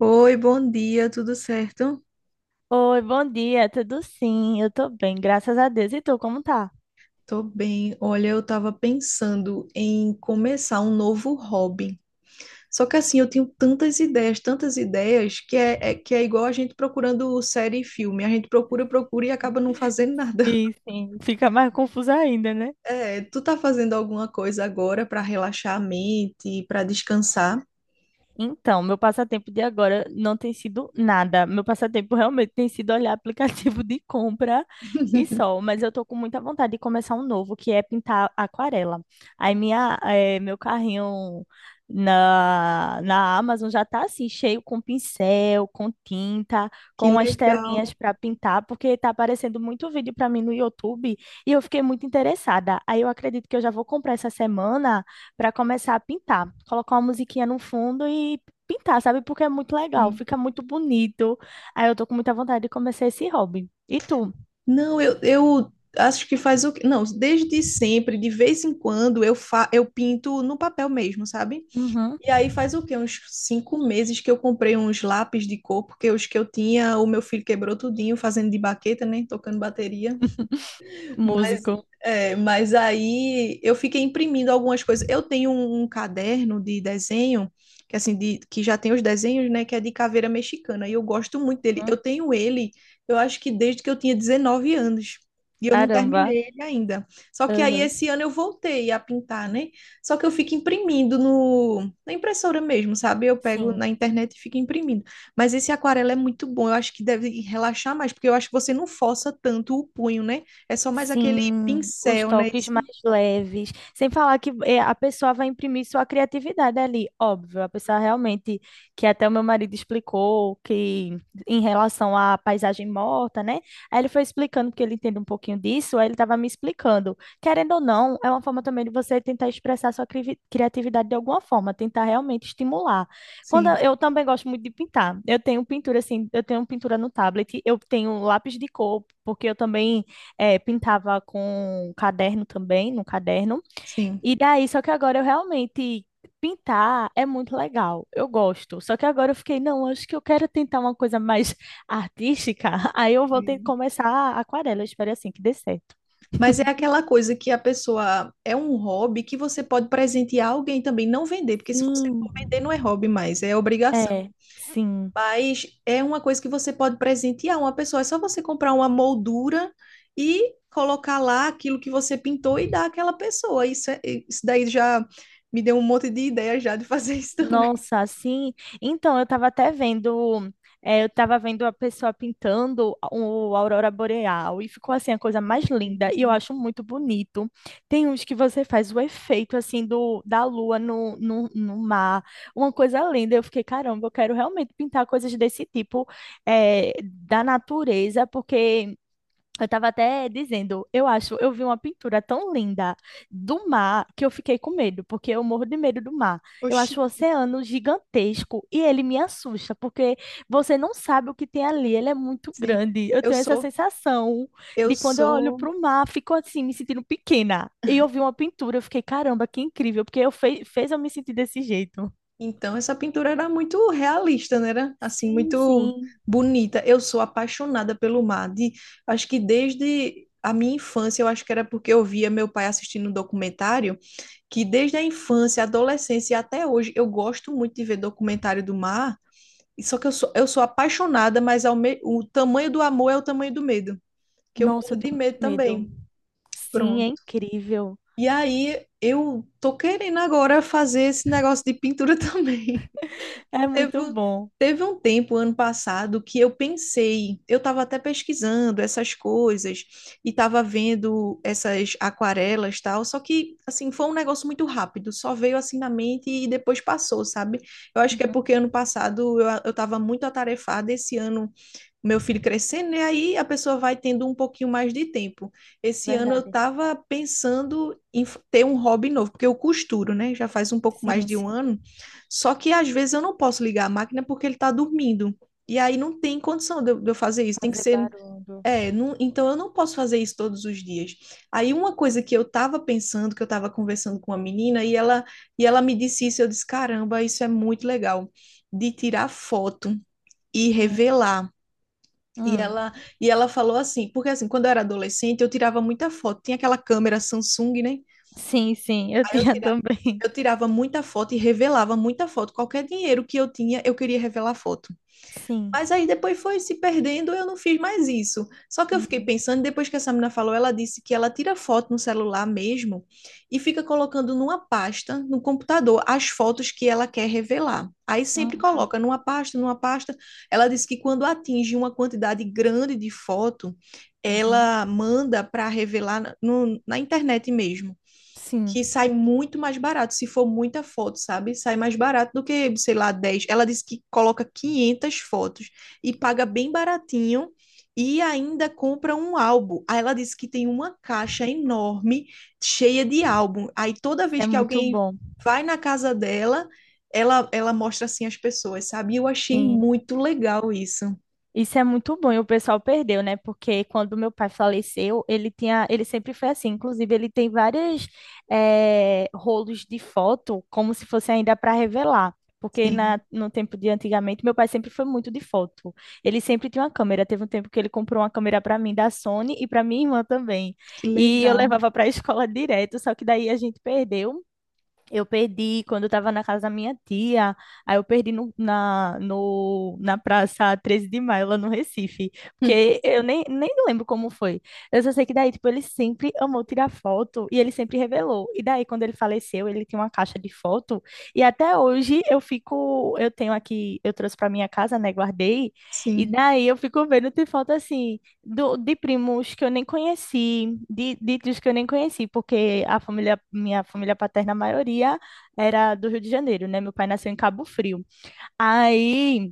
Oi, bom dia, tudo certo? Oi, bom dia, tudo sim? Eu tô bem, graças a Deus. E tu, como tá? Tô bem. Olha, eu tava pensando em começar um novo hobby. Só que assim, eu tenho tantas ideias, que é igual a gente procurando série e filme. A gente procura, procura e acaba não fazendo nada. E sim. Fica mais confusa ainda, né? É, tu tá fazendo alguma coisa agora para relaxar a mente, para descansar? Então, meu passatempo de agora não tem sido nada. Meu passatempo realmente tem sido olhar aplicativo de compra e só. Mas eu tô com muita vontade de começar um novo, que é pintar aquarela. Aí minha, meu carrinho na Amazon já tá assim, cheio com pincel, com tinta, Que com as legal. telinhas para pintar, porque tá aparecendo muito vídeo para mim no YouTube e eu fiquei muito interessada. Aí eu acredito que eu já vou comprar essa semana para começar a pintar. Colocar uma musiquinha no fundo e pintar, sabe? Porque é muito legal, Sim. fica muito bonito. Aí eu tô com muita vontade de começar esse hobby. E tu? Não, eu acho que faz o que. Não, desde sempre, de vez em quando, eu pinto no papel mesmo, sabe? Uhum. E aí faz o quê? Uns 5 meses que eu comprei uns lápis de cor, porque os que eu tinha, o meu filho quebrou tudinho, fazendo de baqueta, né? Tocando bateria. Mas, Músico. mas aí eu fiquei imprimindo algumas coisas. Eu tenho um caderno de desenho, que assim, que já tem os desenhos, né? Que é de caveira mexicana. E eu gosto muito dele. Hum. Eu tenho ele, eu acho que desde que eu tinha 19 anos. E eu não Caramba. terminei ele ainda. Só que aí Aham. esse ano eu voltei a pintar, né? Só que eu fico imprimindo no, na impressora mesmo, sabe? Eu pego Sim. na internet e fico imprimindo. Mas esse aquarela é muito bom. Eu acho que deve relaxar mais, porque eu acho que você não força tanto o punho, né? É só mais aquele Sim, os pincel, né? toques Isso? mais leves. Sem falar que a pessoa vai imprimir sua criatividade ali, óbvio. A pessoa realmente, que até o meu marido explicou, que em relação à paisagem morta, né? Aí ele foi explicando, porque ele entende um pouquinho disso, aí ele estava me explicando. Querendo ou não, é uma forma também de você tentar expressar sua criatividade de alguma forma, tentar realmente estimular. Quando Sim, eu também gosto muito de pintar. Eu tenho pintura, assim, eu tenho pintura no tablet, eu tenho lápis de cor, porque eu também. É, pintava com caderno também, no caderno. sim, E daí, só que agora eu realmente pintar é muito legal, eu gosto. Só que agora eu fiquei, não, acho que eu quero tentar uma coisa mais artística. Aí eu vou ter que sim. começar a aquarela, eu espero assim que dê certo. Mas é aquela coisa que a pessoa é um hobby que você pode presentear alguém também, não vender, porque se você Sim. for vender não é hobby mais, é obrigação. É, sim. Mas é uma coisa que você pode presentear uma pessoa, é só você comprar uma moldura e colocar lá aquilo que você pintou e dar àquela pessoa. Isso daí já me deu um monte de ideia já de fazer isso também. Nossa, assim. Então, eu estava até vendo, eu estava vendo a pessoa pintando o Aurora Boreal e ficou assim a coisa mais linda e eu Lindo. acho muito bonito. Tem uns que você faz o efeito assim do da lua no mar, uma coisa linda. Eu fiquei, caramba, eu quero realmente pintar coisas desse tipo, da natureza, porque eu tava até dizendo, eu acho, eu vi uma pintura tão linda do mar que eu fiquei com medo, porque eu morro de medo do mar. Eu Oxi, acho o oceano gigantesco e ele me assusta, porque você não sabe o que tem ali, ele é muito sim. grande. Eu Eu tenho essa sou, sensação eu de quando eu olho sou para o mar, fico assim, me sentindo pequena. E eu vi uma pintura, eu fiquei, caramba, que incrível, porque eu fe fez eu me sentir desse jeito. Então, essa pintura era muito realista, né? Era assim, Sim, muito sim. bonita. Eu sou apaixonada pelo mar. Acho que desde a minha infância, eu acho que era porque eu via meu pai assistindo um documentário, que desde a infância, adolescência e até hoje, eu gosto muito de ver documentário do mar. E só que eu sou apaixonada, mas o tamanho do amor é o tamanho do medo, que eu Nossa, morro eu de tenho muito medo medo. também. Sim, é Pronto. incrível. E aí, eu tô querendo agora fazer esse negócio de pintura também. É Teve, muito um, bom. teve um tempo, ano passado, que eu pensei, eu estava até pesquisando essas coisas e estava vendo essas aquarelas tal, só que, assim, foi um negócio muito rápido, só veio assim na mente e depois passou, sabe? Eu acho que é Uhum, porque ano passado eu estava muito atarefada, esse ano meu filho crescendo, né? Aí a pessoa vai tendo um pouquinho mais de tempo. Esse ano eu verdade. estava pensando em ter um hobby novo, porque eu costuro, né? Já faz um pouco mais Sim, de um sim, ano. Só que às vezes eu não posso ligar a máquina porque ele está dormindo. E aí não tem condição de eu fazer isso. Tem que fazer ser. barulho. É, então eu não posso fazer isso todos os dias. Aí uma coisa que eu estava pensando, que eu estava conversando com uma menina, e ela me disse isso, eu disse, caramba, isso é muito legal, de tirar foto e Hum, revelar. E hum. ela, e ela falou assim, porque assim, quando eu era adolescente, eu tirava muita foto. Tinha aquela câmera Samsung, né? Sim, sim, eu Aí eu tinha tirava, também. eu tirava muita foto e revelava muita foto. Qualquer dinheiro que eu tinha, eu queria revelar foto. Sim. Mas aí depois foi se perdendo, eu não fiz mais isso. Só que eu fiquei Uhum, pensando, depois que essa menina falou, ela disse que ela tira foto no celular mesmo e fica colocando numa pasta no computador as fotos que ela quer revelar. Aí sempre uhum, coloca numa pasta, numa pasta. Ela disse que quando atinge uma quantidade grande de foto, uhum. ela manda para revelar na internet mesmo Sim, que sai muito mais barato, se for muita foto, sabe? Sai mais barato do que, sei lá, 10. Ela disse que coloca 500 fotos e paga bem baratinho e ainda compra um álbum. Aí ela disse que tem uma caixa enorme cheia de álbum. Aí toda isso vez é que muito alguém bom. vai na casa dela, ela mostra assim às pessoas, sabe? E eu achei Sim. muito legal isso. Isso é muito bom e o pessoal perdeu, né? Porque quando meu pai faleceu, ele tinha, ele sempre foi assim. Inclusive, ele tem vários rolos de foto, como se fosse ainda para revelar. Porque na, Sim, no tempo de antigamente, meu pai sempre foi muito de foto. Ele sempre tinha uma câmera. Teve um tempo que ele comprou uma câmera para mim da Sony e para minha irmã também. que E eu legal. levava para a escola direto, só que daí a gente perdeu. Eu perdi quando eu estava na casa da minha tia. Aí eu perdi no, na, no, na Praça 13 de Maio, lá no Recife. Hum, Porque eu nem lembro como foi. Eu só sei que daí, tipo, ele sempre amou tirar foto e ele sempre revelou. E daí, quando ele faleceu, ele tinha uma caixa de foto. E até hoje eu fico. Eu tenho aqui, eu trouxe para minha casa, né? Guardei. E Sim. daí eu fico vendo, tem foto assim de primos que eu nem conheci, de tios que eu nem conheci, porque a família, minha família paterna, a maioria era do Rio de Janeiro, né? Meu pai nasceu em Cabo Frio. Aí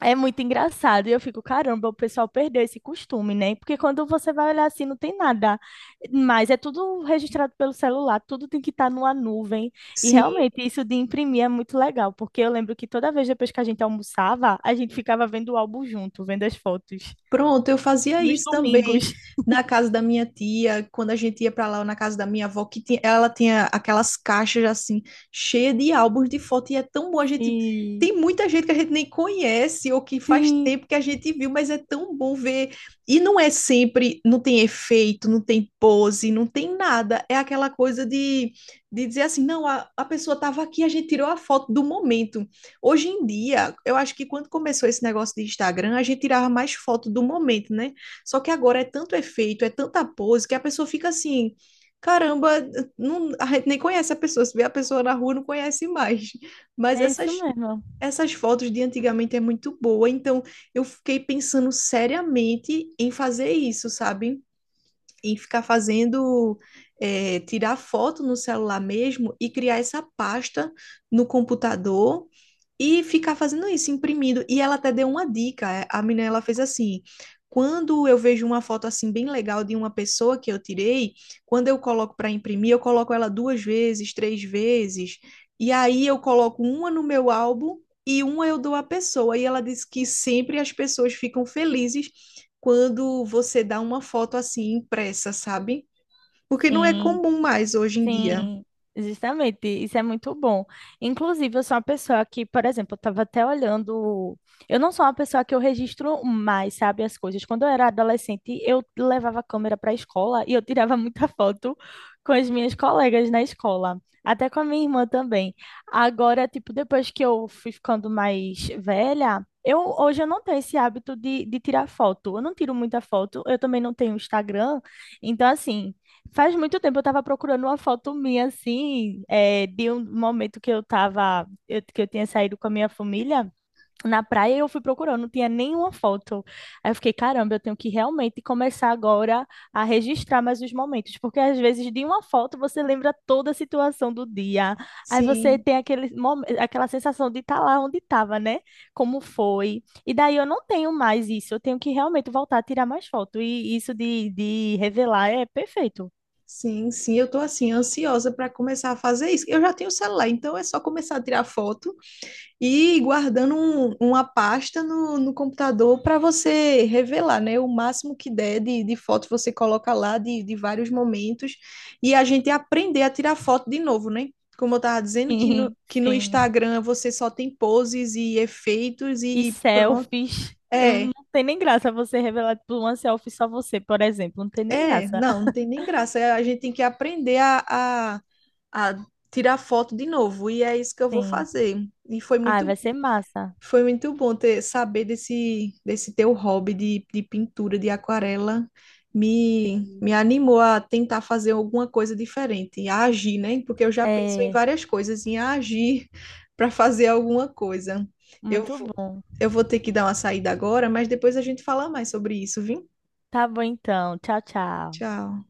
é muito engraçado. E eu fico, caramba, o pessoal perdeu esse costume, né? Porque quando você vai olhar assim, não tem nada. Mas é tudo registrado pelo celular, tudo tem que estar numa nuvem. E Sim, realmente, isso de imprimir é muito legal, porque eu lembro que toda vez depois que a gente almoçava, a gente ficava vendo o álbum junto, vendo as fotos. pronto, eu fazia Nos isso também domingos. na casa da minha tia, quando a gente ia para lá, ou na casa da minha avó, que ela tinha aquelas caixas assim, cheias de álbuns de foto, e é tão bom a gente. Sim, Tem muita gente que a gente nem conhece ou que faz sim, tempo que a gente viu, mas é tão bom ver. E não é sempre, não tem efeito, não tem pose, não tem nada. É aquela coisa de, dizer assim, não, a pessoa estava aqui, a gente tirou a foto do momento. Hoje em dia, eu acho que quando começou esse negócio de Instagram, a gente tirava mais foto do momento, né? Só que agora é tanto efeito, é tanta pose, que a pessoa fica assim, caramba, não, a gente nem conhece a pessoa, se vê a pessoa na rua, não conhece mais. Mas é isso essas, mesmo. essas fotos de antigamente é muito boa, então eu fiquei pensando seriamente em fazer isso, sabe? E ficar fazendo, é, tirar foto no celular mesmo e criar essa pasta no computador e ficar fazendo isso, imprimindo. E ela até deu uma dica, é, a menina ela fez assim. Quando eu vejo uma foto assim bem legal de uma pessoa que eu tirei, quando eu coloco para imprimir, eu coloco ela duas vezes, três vezes, e aí eu coloco uma no meu álbum e uma eu dou à pessoa. E ela disse que sempre as pessoas ficam felizes quando você dá uma foto assim impressa, sabe? Porque não é Sim. comum mais hoje em dia. Sim, justamente, isso é muito bom. Inclusive, eu sou uma pessoa que, por exemplo, eu estava até olhando. Eu não sou uma pessoa que eu registro mais, sabe, as coisas. Quando eu era adolescente, eu levava a câmera para a escola e eu tirava muita foto com as minhas colegas na escola, até com a minha irmã também. Agora, tipo, depois que eu fui ficando mais velha, eu hoje eu não tenho esse hábito de tirar foto. Eu não tiro muita foto, eu também não tenho Instagram, então assim. Faz muito tempo eu tava procurando uma foto minha, assim, é, de um momento que eu tava, que eu tinha saído com a minha família na praia e eu fui procurando, não tinha nenhuma foto. Aí eu fiquei, caramba, eu tenho que realmente começar agora a registrar mais os momentos, porque às vezes de uma foto você lembra toda a situação do dia, aí você Sim, tem aquele, aquela sensação de estar lá onde estava, né? Como foi. E daí eu não tenho mais isso, eu tenho que realmente voltar a tirar mais foto, e isso de revelar é perfeito. sim, sim. Eu tô assim ansiosa para começar a fazer isso. Eu já tenho o celular, então é só começar a tirar foto e ir guardando uma pasta no computador para você revelar, né? O máximo que der de foto você coloca lá de vários momentos e a gente aprender a tirar foto de novo, né? Como eu estava dizendo, que no, Sim, que no sim. Instagram você só tem poses e efeitos E e pronto. selfies. É, Não tem nem graça você revelar tipo, uma selfie só você, por exemplo. Não tem nem é, graça. não, não tem nem graça. É, a gente tem que aprender a, a tirar foto de novo, e é isso que eu vou Sim. fazer. E foi Ah, muito, vai ser massa. foi muito bom ter, saber desse teu hobby de pintura, de aquarela. Me animou a tentar fazer alguma coisa diferente, a agir, né? Porque eu já penso em É, várias coisas, em agir para fazer alguma coisa. Eu, muito vou- bom. eu vou ter que dar uma saída agora, mas depois a gente fala mais sobre isso, viu? Tá bom então. Tchau, tchau. Tchau.